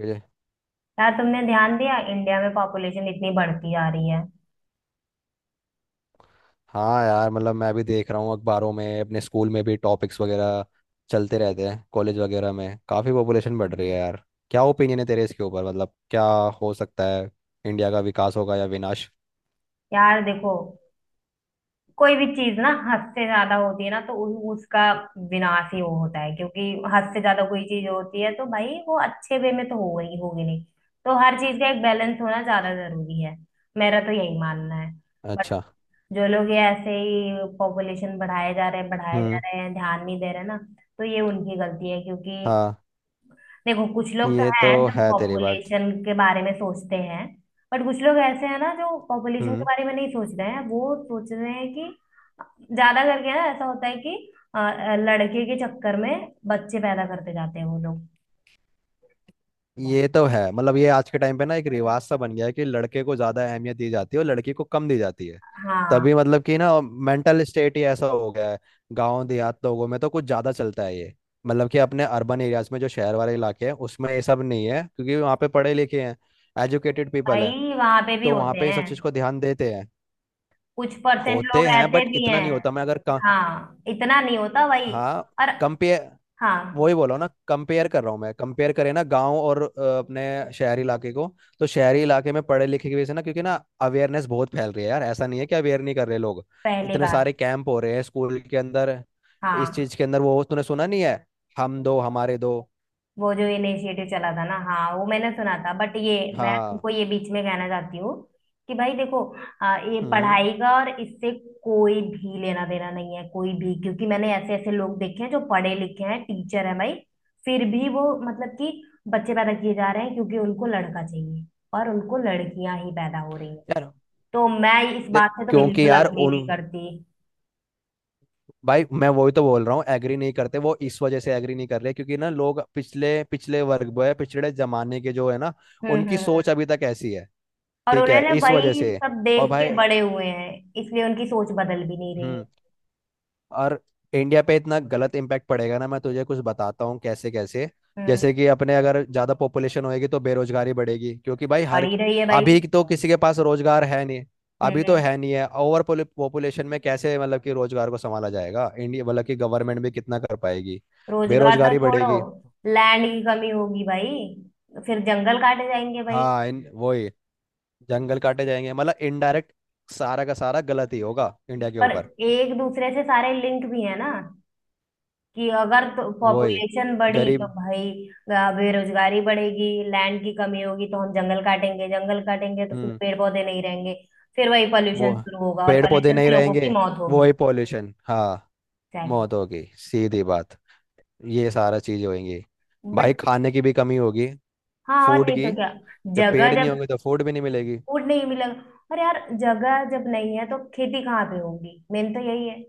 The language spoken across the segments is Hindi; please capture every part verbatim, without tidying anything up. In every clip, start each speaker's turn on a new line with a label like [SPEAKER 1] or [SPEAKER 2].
[SPEAKER 1] मुझे
[SPEAKER 2] यार तुमने ध्यान दिया, इंडिया में पॉपुलेशन इतनी बढ़ती जा रही है।
[SPEAKER 1] हाँ यार। मतलब मैं भी देख रहा हूँ अखबारों में, अपने स्कूल में भी टॉपिक्स वगैरह चलते रहते हैं, कॉलेज वगैरह में काफ़ी पॉपुलेशन बढ़ रही है यार। क्या ओपिनियन है तेरे इसके ऊपर? मतलब क्या हो सकता है, इंडिया का विकास होगा या विनाश?
[SPEAKER 2] यार देखो, कोई भी चीज ना हद से ज्यादा होती है ना तो उ, उसका विनाश ही हो होता है। क्योंकि हद से ज्यादा कोई चीज होती है तो भाई वो अच्छे वे में तो हो गई होगी नहीं। तो हर चीज का एक बैलेंस होना ज्यादा जरूरी है। मेरा तो यही मानना है। बट
[SPEAKER 1] अच्छा।
[SPEAKER 2] जो लोग ये ऐसे ही पॉपुलेशन बढ़ाए जा रहे हैं बढ़ाए जा
[SPEAKER 1] हम्म।
[SPEAKER 2] रहे हैं, ध्यान नहीं दे रहे ना। तो ये उनकी गलती है। क्योंकि
[SPEAKER 1] हाँ,
[SPEAKER 2] देखो, कुछ लोग तो
[SPEAKER 1] ये तो
[SPEAKER 2] हैं जो
[SPEAKER 1] है तेरी बात।
[SPEAKER 2] पॉपुलेशन के बारे में सोचते हैं। बट कुछ लोग ऐसे हैं ना जो पॉपुलेशन के
[SPEAKER 1] हम्म।
[SPEAKER 2] बारे में नहीं सोच रहे हैं, वो सोच रहे हैं कि ज्यादा करके ना ऐसा होता है कि अ, अ, लड़के के चक्कर में बच्चे पैदा करते जाते हैं वो लोग।
[SPEAKER 1] ये तो है। मतलब ये आज के टाइम पे ना एक रिवाज सा बन गया है कि लड़के को ज्यादा अहमियत दी जाती है और लड़की को कम दी जाती है।
[SPEAKER 2] हाँ,
[SPEAKER 1] तभी मतलब कि ना मेंटल स्टेट ही ऐसा हो गया है। गांव देहात लोगों में तो कुछ ज्यादा चलता है ये। मतलब कि अपने अर्बन एरियाज में, जो शहर वाले इलाके हैं, उसमें ये सब नहीं है क्योंकि वहाँ पे पढ़े लिखे हैं, एजुकेटेड पीपल है।
[SPEAKER 2] भाई वहां पे भी
[SPEAKER 1] तो वहाँ
[SPEAKER 2] होते
[SPEAKER 1] पे इन सब
[SPEAKER 2] हैं।
[SPEAKER 1] चीज को ध्यान देते हैं।
[SPEAKER 2] कुछ परसेंट लोग
[SPEAKER 1] होते हैं
[SPEAKER 2] ऐसे
[SPEAKER 1] बट
[SPEAKER 2] भी
[SPEAKER 1] इतना नहीं
[SPEAKER 2] हैं।
[SPEAKER 1] होता। मैं अगर कम,
[SPEAKER 2] हाँ, इतना नहीं होता भाई।
[SPEAKER 1] हाँ
[SPEAKER 2] और
[SPEAKER 1] कम पे
[SPEAKER 2] हाँ,
[SPEAKER 1] वही बोला ना। कंपेयर कर रहा हूँ मैं, कंपेयर करें ना गांव और अ, अपने शहरी इलाके को। तो शहरी इलाके में पढ़े लिखे की वजह से ना, क्योंकि ना अवेयरनेस बहुत फैल रही है यार। ऐसा नहीं है कि अवेयर नहीं कर रहे लोग।
[SPEAKER 2] पहली
[SPEAKER 1] इतने
[SPEAKER 2] बात।
[SPEAKER 1] सारे कैंप हो रहे हैं स्कूल के अंदर, इस
[SPEAKER 2] हाँ,
[SPEAKER 1] चीज के अंदर। वो तूने सुना नहीं है, हम दो हमारे दो।
[SPEAKER 2] वो जो इनिशिएटिव चला था ना, हाँ वो मैंने सुना था। बट ये, मैं
[SPEAKER 1] हाँ।
[SPEAKER 2] तुमको ये बीच में कहना चाहती हूँ कि भाई देखो, आ, ये
[SPEAKER 1] हम्म।
[SPEAKER 2] पढ़ाई का और इससे कोई भी लेना देना नहीं है, कोई भी। क्योंकि मैंने ऐसे ऐसे लोग देखे हैं जो पढ़े लिखे हैं, टीचर है भाई। फिर भी वो मतलब कि बच्चे पैदा किए जा रहे हैं क्योंकि उनको लड़का चाहिए और उनको लड़कियां ही पैदा हो रही हैं।
[SPEAKER 1] यार
[SPEAKER 2] तो मैं इस
[SPEAKER 1] देख
[SPEAKER 2] बात से तो
[SPEAKER 1] क्योंकि
[SPEAKER 2] बिल्कुल
[SPEAKER 1] यार
[SPEAKER 2] अग्री
[SPEAKER 1] उन,
[SPEAKER 2] नहीं करती।
[SPEAKER 1] भाई मैं वही तो बोल रहा हूँ। एग्री नहीं करते, वो इस वजह से एग्री नहीं कर रहे क्योंकि ना लोग पिछले पिछले वर्ग वो है, पिछड़े जमाने के जो है ना।
[SPEAKER 2] हम्म हम्म
[SPEAKER 1] उनकी सोच
[SPEAKER 2] हम्म।
[SPEAKER 1] अभी तक ऐसी है।
[SPEAKER 2] और
[SPEAKER 1] ठीक है,
[SPEAKER 2] उन्होंने
[SPEAKER 1] इस वजह
[SPEAKER 2] वही
[SPEAKER 1] से।
[SPEAKER 2] सब
[SPEAKER 1] और
[SPEAKER 2] देख के
[SPEAKER 1] भाई
[SPEAKER 2] बड़े हुए हैं, इसलिए उनकी सोच बदल भी नहीं रही है।
[SPEAKER 1] हम्म और इंडिया पे इतना गलत इम्पैक्ट पड़ेगा ना, मैं तुझे कुछ बताता हूँ कैसे कैसे।
[SPEAKER 2] हम्म।
[SPEAKER 1] जैसे कि अपने अगर ज्यादा पॉपुलेशन होएगी तो बेरोजगारी बढ़ेगी क्योंकि भाई
[SPEAKER 2] बढ़
[SPEAKER 1] हर,
[SPEAKER 2] ही रही है भाई।
[SPEAKER 1] अभी तो किसी के पास रोजगार है नहीं। अभी तो
[SPEAKER 2] हम्म।
[SPEAKER 1] है नहीं। है ओवर पॉपुलेशन में कैसे मतलब कि रोजगार को संभाला जाएगा इंडिया, मतलब कि गवर्नमेंट भी कितना कर पाएगी।
[SPEAKER 2] रोजगार तो
[SPEAKER 1] बेरोजगारी
[SPEAKER 2] छोड़ो,
[SPEAKER 1] बढ़ेगी।
[SPEAKER 2] लैंड की कमी होगी भाई। फिर जंगल काटे जाएंगे भाई।
[SPEAKER 1] हाँ इन वही जंगल काटे जाएंगे मतलब इनडायरेक्ट, सारा का सारा गलत ही होगा इंडिया के
[SPEAKER 2] पर
[SPEAKER 1] ऊपर।
[SPEAKER 2] एक दूसरे से सारे लिंक भी है ना, कि अगर तो
[SPEAKER 1] वही
[SPEAKER 2] पॉपुलेशन बढ़ी तो
[SPEAKER 1] गरीब।
[SPEAKER 2] भाई अ, बेरोजगारी बढ़ेगी, लैंड की कमी होगी तो हम जंगल काटेंगे, जंगल काटेंगे तो फिर
[SPEAKER 1] हम्म।
[SPEAKER 2] पेड़ पौधे नहीं रहेंगे, फिर वही
[SPEAKER 1] वो
[SPEAKER 2] पॉल्यूशन शुरू होगा और
[SPEAKER 1] पेड़ पौधे
[SPEAKER 2] पॉल्यूशन
[SPEAKER 1] नहीं
[SPEAKER 2] से लोगों
[SPEAKER 1] रहेंगे,
[SPEAKER 2] की मौत
[SPEAKER 1] वो
[SPEAKER 2] होगी।
[SPEAKER 1] ही पॉल्यूशन। हाँ मौत
[SPEAKER 2] एग्जैक्टली।
[SPEAKER 1] होगी, सीधी बात। ये सारा चीज होएंगी। भाई
[SPEAKER 2] बट
[SPEAKER 1] खाने की भी कमी होगी,
[SPEAKER 2] हाँ, और
[SPEAKER 1] फूड
[SPEAKER 2] नहीं तो
[SPEAKER 1] की।
[SPEAKER 2] क्या।
[SPEAKER 1] जब
[SPEAKER 2] जगह
[SPEAKER 1] पेड़ नहीं
[SPEAKER 2] जब
[SPEAKER 1] होंगे तो फूड भी नहीं मिलेगी।
[SPEAKER 2] फूड नहीं मिलेगा, और यार जगह जब नहीं है तो खेती कहाँ पे होगी। मेन तो यही है।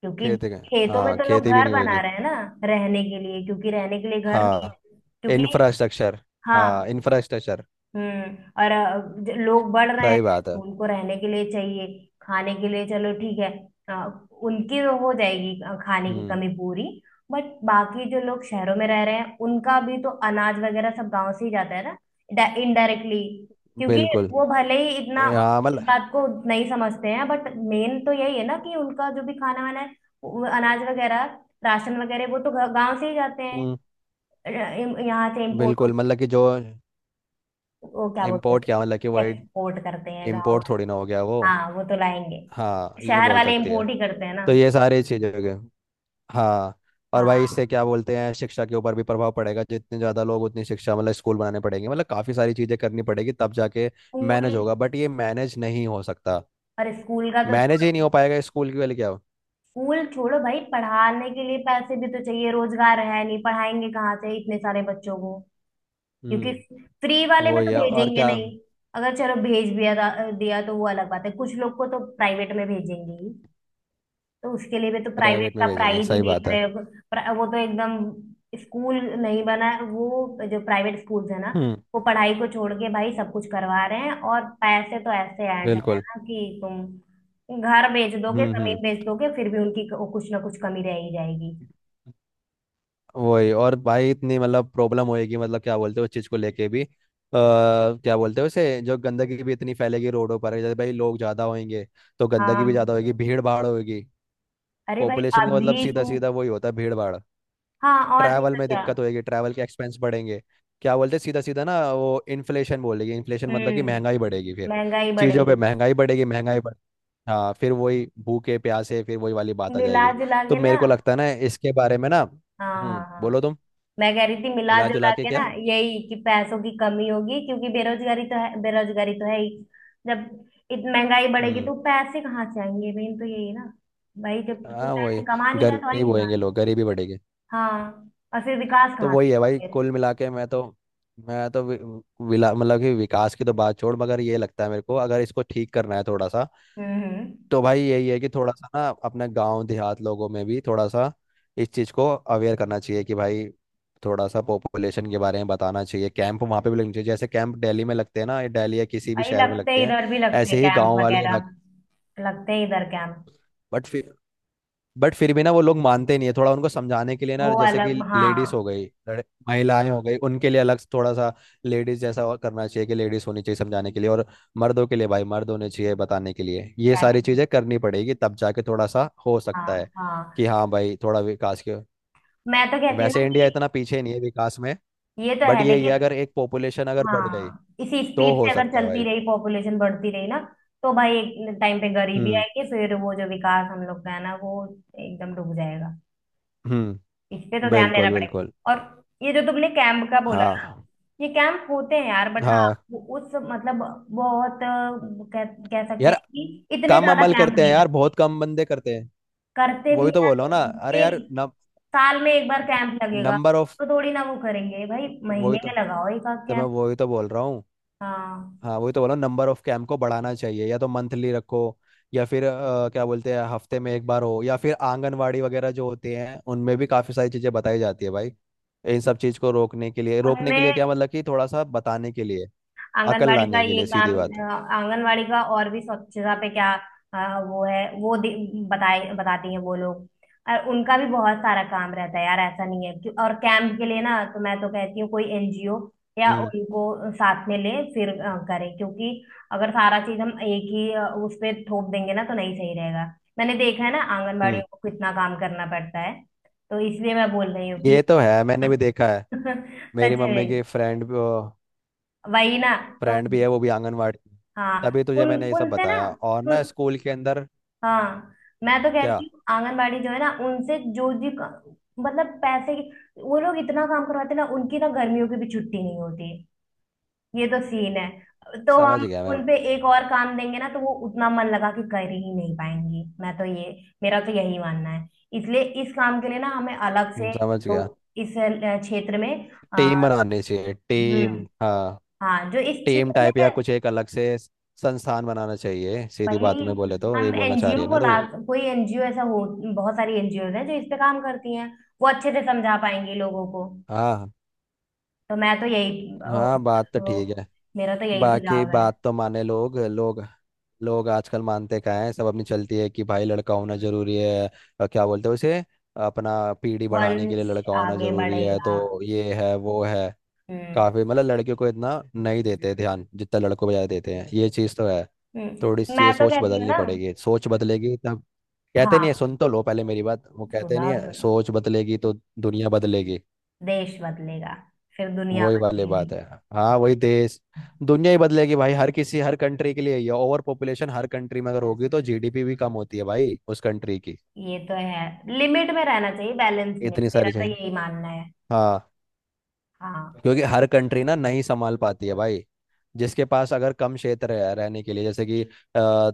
[SPEAKER 2] क्योंकि
[SPEAKER 1] खेती का,
[SPEAKER 2] खेतों में
[SPEAKER 1] हाँ
[SPEAKER 2] तो लोग
[SPEAKER 1] खेती भी
[SPEAKER 2] घर
[SPEAKER 1] नहीं होगी।
[SPEAKER 2] बना रहे हैं ना, रहने के लिए। क्योंकि रहने के लिए घर नहीं
[SPEAKER 1] हाँ
[SPEAKER 2] है क्योंकि।
[SPEAKER 1] इंफ्रास्ट्रक्चर।
[SPEAKER 2] हाँ।
[SPEAKER 1] हाँ इंफ्रास्ट्रक्चर।
[SPEAKER 2] हम्म। और अ, ज- लोग बढ़ रहे हैं
[SPEAKER 1] सही बात है।
[SPEAKER 2] तो उनको रहने के लिए चाहिए। खाने के लिए चलो ठीक है। अ, उनकी तो हो जाएगी अ, खाने की
[SPEAKER 1] हम्म।
[SPEAKER 2] कमी पूरी। बट बाकी जो लोग शहरों में रह रहे हैं उनका भी तो अनाज वगैरह सब गांव से ही जाता है ना, इनडायरेक्टली। क्योंकि
[SPEAKER 1] बिल्कुल।
[SPEAKER 2] वो भले ही इतना
[SPEAKER 1] ए, हाँ मतलब।
[SPEAKER 2] इस बात को नहीं समझते हैं, बट मेन तो यही है ना कि उनका जो भी खाना वाना है, वो अनाज वगैरह, राशन वगैरह, वो तो गांव से ही जाते हैं।
[SPEAKER 1] हम्म।
[SPEAKER 2] अ, यहाँ से इम्पोर्ट,
[SPEAKER 1] बिल्कुल मतलब कि जो
[SPEAKER 2] वो क्या बोलते
[SPEAKER 1] इम्पोर्ट, क्या
[SPEAKER 2] हैं,
[SPEAKER 1] मतलब कि वही,
[SPEAKER 2] एक्सपोर्ट करते हैं गाँव
[SPEAKER 1] इम्पोर्ट थोड़ी ना
[SPEAKER 2] वाले।
[SPEAKER 1] हो गया वो।
[SPEAKER 2] हाँ, वो तो लाएंगे।
[SPEAKER 1] हाँ ये
[SPEAKER 2] शहर
[SPEAKER 1] बोल
[SPEAKER 2] वाले
[SPEAKER 1] सकते हैं।
[SPEAKER 2] इम्पोर्ट ही करते हैं ना।
[SPEAKER 1] तो ये सारी चीजें हो गई। हाँ और भाई
[SPEAKER 2] हाँ,
[SPEAKER 1] इससे क्या बोलते हैं, शिक्षा के ऊपर भी प्रभाव पड़ेगा। जितने ज्यादा लोग उतनी शिक्षा, मतलब स्कूल बनाने पड़ेंगे, मतलब काफी सारी चीजें करनी पड़ेगी तब जाके
[SPEAKER 2] स्कूल।
[SPEAKER 1] मैनेज होगा। बट ये मैनेज नहीं हो सकता,
[SPEAKER 2] और स्कूल का तो
[SPEAKER 1] मैनेज ही नहीं
[SPEAKER 2] छोड़ो।
[SPEAKER 1] हो पाएगा। स्कूल की वाली क्या हो।
[SPEAKER 2] स्कूल छोड़ो भाई, पढ़ाने के लिए पैसे भी तो चाहिए, रोजगार है नहीं, पढ़ाएंगे कहाँ से इतने सारे बच्चों को। क्योंकि
[SPEAKER 1] हम्म
[SPEAKER 2] फ्री वाले में
[SPEAKER 1] वही
[SPEAKER 2] तो
[SPEAKER 1] है और
[SPEAKER 2] भेजेंगे
[SPEAKER 1] क्या।
[SPEAKER 2] नहीं। अगर चलो भेज भी दिया दिया तो वो अलग बात है, कुछ लोग को तो प्राइवेट में भेजेंगे ही। तो उसके लिए भी तो प्राइवेट
[SPEAKER 1] प्राइवेट में
[SPEAKER 2] का
[SPEAKER 1] भेजेंगे
[SPEAKER 2] प्राइस ही
[SPEAKER 1] सही
[SPEAKER 2] देख
[SPEAKER 1] बात है।
[SPEAKER 2] रहे हो। प्र- वो तो एकदम स्कूल नहीं बना है। वो जो प्राइवेट स्कूल्स है ना,
[SPEAKER 1] हम्म।
[SPEAKER 2] वो पढ़ाई को छोड़ के भाई सब कुछ करवा रहे हैं, और पैसे तो ऐसे ऐड है
[SPEAKER 1] बिल्कुल।
[SPEAKER 2] ना कि तुम घर बेच दोगे,
[SPEAKER 1] हम्म
[SPEAKER 2] जमीन
[SPEAKER 1] हम्म।
[SPEAKER 2] बेच दोगे, फिर भी उनकी क- कुछ ना कुछ कमी रह ही जाएगी।
[SPEAKER 1] वही। और भाई इतनी मतलब प्रॉब्लम होएगी मतलब क्या बोलते हो उस चीज को लेके भी आ, क्या बोलते हो उसे, जो गंदगी भी इतनी फैलेगी रोडों पर। जैसे भाई लोग ज्यादा होंगे तो गंदगी भी
[SPEAKER 2] हाँ।
[SPEAKER 1] ज्यादा होगी, भीड़ भाड़ होगी।
[SPEAKER 2] अरे भाई
[SPEAKER 1] पॉपुलेशन का मतलब
[SPEAKER 2] अभी
[SPEAKER 1] सीधा
[SPEAKER 2] तुम।
[SPEAKER 1] सीधा वही होता है, भीड़ भाड़।
[SPEAKER 2] हाँ और नहीं
[SPEAKER 1] ट्रैवल
[SPEAKER 2] तो
[SPEAKER 1] में
[SPEAKER 2] क्या।
[SPEAKER 1] दिक्कत होएगी, ट्रैवल के एक्सपेंस बढ़ेंगे। क्या बोलते हैं सीधा सीधा ना, वो इन्फ्लेशन बोलेगी। इन्फ्लेशन मतलब कि
[SPEAKER 2] हम्म।
[SPEAKER 1] महंगाई बढ़ेगी फिर।
[SPEAKER 2] महंगाई
[SPEAKER 1] चीज़ों
[SPEAKER 2] बढ़ेगी।
[SPEAKER 1] पे महंगाई बढ़ेगी, महंगाई बढ़, हाँ फिर वही भूखे प्यासे, फिर वही वाली बात आ
[SPEAKER 2] मिला
[SPEAKER 1] जाएगी।
[SPEAKER 2] जुला
[SPEAKER 1] तो
[SPEAKER 2] के
[SPEAKER 1] मेरे
[SPEAKER 2] ना।
[SPEAKER 1] को लगता है ना इसके बारे में ना
[SPEAKER 2] हाँ
[SPEAKER 1] हम्म,
[SPEAKER 2] हाँ हाँ।
[SPEAKER 1] बोलो तुम।
[SPEAKER 2] मैं कह रही थी मिला
[SPEAKER 1] मिला
[SPEAKER 2] जुला
[SPEAKER 1] जुला के
[SPEAKER 2] के ना,
[SPEAKER 1] क्या?
[SPEAKER 2] यही कि पैसों की कमी होगी, क्योंकि बेरोजगारी तो है, बेरोजगारी तो है ही। जब इतनी महंगाई बढ़ेगी
[SPEAKER 1] हम्म।
[SPEAKER 2] तो पैसे कहाँ से आएंगे, मेन तो यही है ना। भाई जब कोई
[SPEAKER 1] हाँ
[SPEAKER 2] पैसे
[SPEAKER 1] वही,
[SPEAKER 2] कमा नहीं रहा तो
[SPEAKER 1] गरीब
[SPEAKER 2] आएंगे कहाँ
[SPEAKER 1] होएंगे
[SPEAKER 2] से?
[SPEAKER 1] लोग, गरीबी बढ़ेगी।
[SPEAKER 2] हाँ, और फिर विकास
[SPEAKER 1] तो
[SPEAKER 2] कहाँ से
[SPEAKER 1] वही है
[SPEAKER 2] होगा
[SPEAKER 1] भाई,
[SPEAKER 2] फिर।
[SPEAKER 1] कुल मिला के। मैं तो मैं तो वि, विला मतलब कि विकास की तो बात छोड़, मगर ये लगता है मेरे को अगर इसको ठीक करना है थोड़ा सा
[SPEAKER 2] हम्म हम्म।
[SPEAKER 1] तो भाई यही है कि थोड़ा सा ना अपने गांव देहात लोगों में भी थोड़ा सा इस चीज़ को अवेयर करना चाहिए कि भाई थोड़ा सा पॉपुलेशन के बारे में बताना चाहिए। कैंप वहाँ पे भी लगने चाहिए, जैसे कैंप दिल्ली में लगते हैं ना, ये दिल्ली या किसी भी
[SPEAKER 2] भाई
[SPEAKER 1] शहर में
[SPEAKER 2] लगते हैं,
[SPEAKER 1] लगते हैं
[SPEAKER 2] इधर भी लगते हैं
[SPEAKER 1] ऐसे ही
[SPEAKER 2] कैंप
[SPEAKER 1] गांव वाले
[SPEAKER 2] वगैरह,
[SPEAKER 1] इलाके।
[SPEAKER 2] लगते हैं इधर कैंप।
[SPEAKER 1] बट बट फिर भी ना वो लोग मानते नहीं है। थोड़ा उनको समझाने के लिए ना,
[SPEAKER 2] वो
[SPEAKER 1] जैसे कि
[SPEAKER 2] अलग हाँ।
[SPEAKER 1] लेडीज हो गई, लड़- महिलाएं हो गई, उनके लिए अलग थोड़ा सा लेडीज जैसा और करना चाहिए, कि लेडीज होनी चाहिए समझाने के लिए, और मर्दों के लिए भाई मर्द होने चाहिए बताने के लिए। ये सारी
[SPEAKER 2] एग्जैक्टली।
[SPEAKER 1] चीजें करनी पड़ेगी तब जाके थोड़ा सा हो सकता है
[SPEAKER 2] हाँ हाँ।
[SPEAKER 1] कि हाँ भाई थोड़ा विकास के,
[SPEAKER 2] मैं तो कहती हूँ
[SPEAKER 1] वैसे
[SPEAKER 2] ना
[SPEAKER 1] इंडिया
[SPEAKER 2] कि
[SPEAKER 1] इतना पीछे नहीं है विकास में।
[SPEAKER 2] ये तो
[SPEAKER 1] बट
[SPEAKER 2] है
[SPEAKER 1] ये ये
[SPEAKER 2] लेकिन।
[SPEAKER 1] अगर एक पॉपुलेशन अगर बढ़ गई
[SPEAKER 2] हाँ, इसी
[SPEAKER 1] तो
[SPEAKER 2] स्पीड
[SPEAKER 1] हो
[SPEAKER 2] से अगर
[SPEAKER 1] सकता है
[SPEAKER 2] चलती
[SPEAKER 1] भाई।
[SPEAKER 2] रही, पॉपुलेशन बढ़ती रही ना, तो भाई एक टाइम पे गरीबी
[SPEAKER 1] हम्म
[SPEAKER 2] आएगी, फिर वो जो विकास हम लोग का है ना वो एकदम डूब जाएगा।
[SPEAKER 1] हम्म।
[SPEAKER 2] इस पे तो ध्यान देना
[SPEAKER 1] बिल्कुल बिल्कुल।
[SPEAKER 2] पड़ेगा। और ये जो तुमने कैंप का बोला ना,
[SPEAKER 1] हाँ
[SPEAKER 2] ये कैंप होते हैं यार, बट हाँ,
[SPEAKER 1] हाँ
[SPEAKER 2] वो- उस मतलब, बहुत अ, कह, कह सकते हैं
[SPEAKER 1] यार,
[SPEAKER 2] कि इतने
[SPEAKER 1] कम
[SPEAKER 2] ज्यादा
[SPEAKER 1] अमल
[SPEAKER 2] कैंप
[SPEAKER 1] करते हैं
[SPEAKER 2] नहीं
[SPEAKER 1] यार,
[SPEAKER 2] लगते।
[SPEAKER 1] बहुत कम बंदे करते हैं।
[SPEAKER 2] करते भी
[SPEAKER 1] वही तो
[SPEAKER 2] हैं
[SPEAKER 1] बोल रहा
[SPEAKER 2] तो
[SPEAKER 1] हूँ ना। अरे यार
[SPEAKER 2] एक साल में एक बार कैंप लगेगा,
[SPEAKER 1] नंबर ऑफ,
[SPEAKER 2] तो थोड़ी ना वो करेंगे भाई,
[SPEAKER 1] वही
[SPEAKER 2] महीने
[SPEAKER 1] तो
[SPEAKER 2] में लगाओ एक आध
[SPEAKER 1] तो मैं
[SPEAKER 2] कैंप।
[SPEAKER 1] वही तो बोल रहा हूँ।
[SPEAKER 2] हाँ।
[SPEAKER 1] हाँ वही तो बोल रहा हूँ, नंबर ऑफ कैंप को बढ़ाना चाहिए या तो मंथली रखो या फिर अ, क्या बोलते हैं हफ्ते में एक बार हो, या फिर आंगनवाड़ी वगैरह जो होते हैं उनमें भी काफ़ी सारी चीज़ें बताई जाती है भाई इन सब चीज़ को रोकने के लिए। रोकने के
[SPEAKER 2] उनमें
[SPEAKER 1] लिए क्या मतलब कि थोड़ा सा बताने के लिए, अकल
[SPEAKER 2] आंगनवाड़ी का
[SPEAKER 1] लाने के
[SPEAKER 2] ये
[SPEAKER 1] लिए
[SPEAKER 2] काम,
[SPEAKER 1] सीधी बात।
[SPEAKER 2] अ, आंगनवाड़ी का और भी स्वच्छता पे क्या, अ, वो है, वो दे- बताए बताती हैं वो लोग। और उनका भी बहुत सारा काम रहता है यार, ऐसा नहीं है। क्यों- और कैंप के लिए ना तो मैं तो कहती हूँ कोई एनजीओ या
[SPEAKER 1] हम्म
[SPEAKER 2] उनको साथ में ले फिर अ, करें। क्योंकि अगर सारा चीज हम एक ही अ, उस पे थोप देंगे ना तो नहीं सही रहेगा। मैंने देखा है ना
[SPEAKER 1] हम्म।
[SPEAKER 2] आंगनवाड़ियों को कितना काम करना पड़ता है। तो इसलिए मैं बोल रही हूँ
[SPEAKER 1] ये
[SPEAKER 2] कि
[SPEAKER 1] तो है, मैंने भी देखा है। मेरी
[SPEAKER 2] सच
[SPEAKER 1] मम्मी
[SPEAKER 2] में।
[SPEAKER 1] की फ्रेंड,
[SPEAKER 2] वही ना। तो
[SPEAKER 1] फ्रेंड भी है, वो भी आंगनवाड़ी में।
[SPEAKER 2] हाँ
[SPEAKER 1] तभी तुझे
[SPEAKER 2] उन
[SPEAKER 1] मैंने ये सब
[SPEAKER 2] उनसे ना,
[SPEAKER 1] बताया। और ना
[SPEAKER 2] उन,
[SPEAKER 1] स्कूल के अंदर
[SPEAKER 2] हाँ, मैं तो
[SPEAKER 1] क्या,
[SPEAKER 2] कहती हूँ आंगनबाड़ी जो है ना उनसे, जो जी का- मतलब पैसे की। वो लोग इतना काम करवाते हैं ना, उनकी ना गर्मियों की भी छुट्टी नहीं होती। ये तो सीन है, तो
[SPEAKER 1] समझ
[SPEAKER 2] हम
[SPEAKER 1] गया मैं।
[SPEAKER 2] उनपे एक और काम देंगे ना तो वो उतना मन लगा के कर ही नहीं पाएंगी। मैं तो ये, मेरा तो यही मानना है। इसलिए इस काम के लिए ना हमें अलग
[SPEAKER 1] हम्म,
[SPEAKER 2] से,
[SPEAKER 1] समझ
[SPEAKER 2] तो
[SPEAKER 1] गया।
[SPEAKER 2] इस अ, क्षेत्र में अ,
[SPEAKER 1] टीम बनानी चाहिए, टीम
[SPEAKER 2] हम्म,
[SPEAKER 1] हाँ।
[SPEAKER 2] हाँ जो इस
[SPEAKER 1] टीम
[SPEAKER 2] क्षेत्र में
[SPEAKER 1] टाइप या
[SPEAKER 2] है।
[SPEAKER 1] कुछ एक अलग से स- संस्थान बनाना चाहिए, सीधी
[SPEAKER 2] वही।
[SPEAKER 1] बात में बोले तो,
[SPEAKER 2] हम
[SPEAKER 1] ये बोलना चाह रही
[SPEAKER 2] एनजीओ
[SPEAKER 1] है
[SPEAKER 2] को
[SPEAKER 1] ना
[SPEAKER 2] ला,
[SPEAKER 1] तू।
[SPEAKER 2] कोई एनजीओ ऐसा हो, बहुत सारी एनजीओ हैं जो इस पे काम करती हैं, वो अच्छे से समझा पाएंगी लोगों को।
[SPEAKER 1] हाँ।
[SPEAKER 2] तो मैं तो यही अ,
[SPEAKER 1] हाँ बात तो ठीक
[SPEAKER 2] तो
[SPEAKER 1] है।
[SPEAKER 2] मेरा तो यही
[SPEAKER 1] बाकी
[SPEAKER 2] सुझाव है हाँ।
[SPEAKER 1] बात तो माने लोग, लोग लोग आजकल मानते क्या है, सब अपनी चलती है कि भाई लड़का होना जरूरी है। अ, क्या बोलते हैं उसे, अपना पीढ़ी बढ़ाने के लिए
[SPEAKER 2] वंश
[SPEAKER 1] लड़का होना
[SPEAKER 2] आगे
[SPEAKER 1] जरूरी है।
[SPEAKER 2] बढ़ेगा।
[SPEAKER 1] तो ये है वो है,
[SPEAKER 2] हम्म
[SPEAKER 1] काफी मतलब लड़कियों को इतना नहीं देते ध्यान, जितना लड़कों को ज्यादा देते हैं। ये चीज तो है। थोड़ी
[SPEAKER 2] हम्म।
[SPEAKER 1] सी
[SPEAKER 2] मैं
[SPEAKER 1] ये
[SPEAKER 2] तो
[SPEAKER 1] सोच
[SPEAKER 2] कहती हूँ
[SPEAKER 1] बदलनी
[SPEAKER 2] ना।
[SPEAKER 1] पड़ेगी। सोच बदलेगी तब, कहते नहीं है,
[SPEAKER 2] हाँ।
[SPEAKER 1] सुन तो लो पहले मेरी बात। वो कहते
[SPEAKER 2] सुना
[SPEAKER 1] नहीं है,
[SPEAKER 2] सुनो।
[SPEAKER 1] सोच बदलेगी तो दुनिया बदलेगी।
[SPEAKER 2] देश बदलेगा, फिर दुनिया
[SPEAKER 1] वही वाली
[SPEAKER 2] बदलेगी।
[SPEAKER 1] बात है। हाँ वही देश दुनिया ही बदलेगी भाई। हर किसी, हर कंट्री के लिए ये ओवर पॉपुलेशन, हर कंट्री में अगर होगी तो जीडीपी भी कम होती है भाई उस कंट्री की।
[SPEAKER 2] ये तो है, लिमिट में रहना चाहिए, बैलेंस में,
[SPEAKER 1] इतनी
[SPEAKER 2] मेरा
[SPEAKER 1] सारी
[SPEAKER 2] तो
[SPEAKER 1] चीजें।
[SPEAKER 2] यही मानना है।
[SPEAKER 1] हाँ
[SPEAKER 2] हाँ।
[SPEAKER 1] क्योंकि हर कंट्री ना नहीं संभाल पाती है भाई। जिसके पास अगर कम क्षेत्र है रहने के लिए, जैसे कि अ,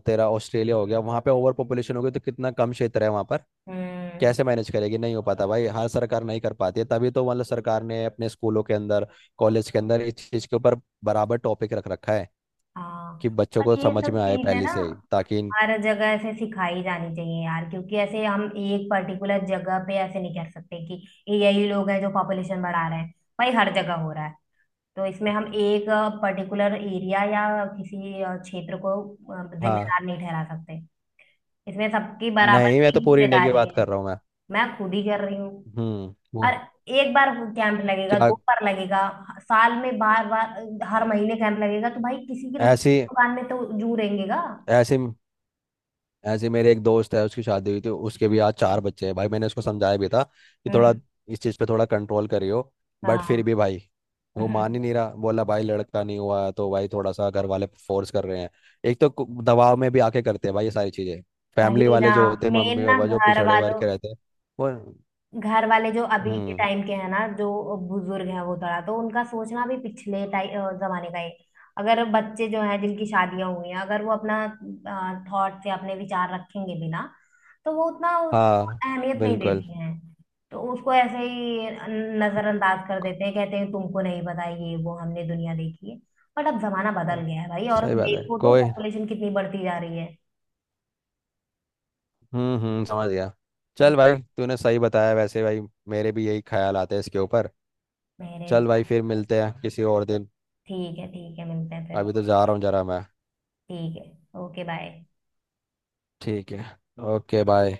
[SPEAKER 1] तेरा ऑस्ट्रेलिया हो गया, वहां पे ओवर पॉपुलेशन हो गई तो कितना कम क्षेत्र है वहां पर,
[SPEAKER 2] हम्म।
[SPEAKER 1] कैसे मैनेज करेगी। नहीं हो पाता भाई, हर सरकार नहीं कर पाती है। तभी तो मतलब सरकार ने अपने स्कूलों के अंदर, कॉलेज के अंदर इस चीज के ऊपर बराबर टॉपिक रख रखा है
[SPEAKER 2] हाँ।
[SPEAKER 1] कि बच्चों
[SPEAKER 2] और
[SPEAKER 1] को
[SPEAKER 2] ये
[SPEAKER 1] समझ
[SPEAKER 2] सब
[SPEAKER 1] में आए
[SPEAKER 2] चीजें
[SPEAKER 1] पहले
[SPEAKER 2] ना
[SPEAKER 1] से ही ताकि इन-
[SPEAKER 2] हर जगह ऐसे सिखाई जानी चाहिए यार। क्योंकि ऐसे हम एक पर्टिकुलर जगह पे ऐसे नहीं कर सकते कि ये यही लोग हैं जो पॉपुलेशन बढ़ा रहे हैं, भाई हर जगह हो रहा है। तो इसमें हम एक पर्टिकुलर एरिया या किसी अ, क्षेत्र को अ,
[SPEAKER 1] हाँ।
[SPEAKER 2] जिम्मेदार नहीं ठहरा सकते। इसमें सबकी बराबर
[SPEAKER 1] नहीं मैं
[SPEAKER 2] की
[SPEAKER 1] तो पूरी इंडिया की बात
[SPEAKER 2] हिस्सेदारी है।
[SPEAKER 1] कर रहा हूँ मैं।
[SPEAKER 2] मैं खुद ही कर रही हूँ।
[SPEAKER 1] हम्म। वो
[SPEAKER 2] और एक बार कैंप लगेगा,
[SPEAKER 1] क्या,
[SPEAKER 2] दो बार लगेगा, साल में बार बार हर महीने कैंप लगेगा, तो भाई किसी की ना किसी
[SPEAKER 1] ऐसी
[SPEAKER 2] दुकान में तो जू रहेंगेगा।
[SPEAKER 1] ऐसी ऐसे मेरे एक दोस्त है, उसकी शादी हुई थी, उसके भी आज चार बच्चे हैं भाई। मैंने उसको समझाया भी था कि थोड़ा
[SPEAKER 2] हम्म।
[SPEAKER 1] इस चीज़ पे थोड़ा कंट्रोल करियो। बट फिर
[SPEAKER 2] हाँ।
[SPEAKER 1] भी भाई वो मान ही नहीं रहा। बोला भाई लड़का नहीं हुआ है, तो भाई थोड़ा सा घर वाले फोर्स कर रहे हैं। एक तो कु- दबाव में भी आके करते हैं भाई ये सारी चीज़ें। फैमिली
[SPEAKER 2] वही
[SPEAKER 1] वाले
[SPEAKER 2] ना।
[SPEAKER 1] जो होते हैं,
[SPEAKER 2] मेन
[SPEAKER 1] मम्मी
[SPEAKER 2] ना
[SPEAKER 1] पापा जो
[SPEAKER 2] घर
[SPEAKER 1] पिछड़े वर्ग
[SPEAKER 2] वालों,
[SPEAKER 1] के रहते हैं वो।
[SPEAKER 2] घर वाले जो अभी के
[SPEAKER 1] हम्म।
[SPEAKER 2] टाइम के हैं ना, जो बुजुर्ग हैं, वो थोड़ा तो उनका सोचना भी पिछले टाइ- अ, जमाने का है। अगर बच्चे जो हैं जिनकी शादियां हुई हैं, अगर वो अपना थॉट से अपने विचार रखेंगे भी ना, तो वो उतना उसको
[SPEAKER 1] हाँ
[SPEAKER 2] अहमियत नहीं
[SPEAKER 1] बिल्कुल
[SPEAKER 2] देती हैं। तो उसको ऐसे ही नजरअंदाज कर देते हैं, कहते हैं तुमको नहीं पता, ये वो हमने दुनिया देखी है। बट अब जमाना बदल गया है भाई, और
[SPEAKER 1] सही बात है
[SPEAKER 2] देखो तो
[SPEAKER 1] कोई।
[SPEAKER 2] पॉपुलेशन कितनी बढ़ती जा रही है।
[SPEAKER 1] हम्म हम्म समझ गया।
[SPEAKER 2] हम्म,
[SPEAKER 1] चल भाई, तूने सही बताया वैसे भाई। मेरे भी यही ख्याल आते हैं इसके ऊपर।
[SPEAKER 2] मेरे भी।
[SPEAKER 1] चल भाई फिर मिलते हैं किसी और दिन।
[SPEAKER 2] ठीक है ठीक है, मिलते हैं फिर।
[SPEAKER 1] अभी तो जा रहा हूँ जरा मैं।
[SPEAKER 2] ठीक है। Okay bye.
[SPEAKER 1] ठीक है। Okay bye.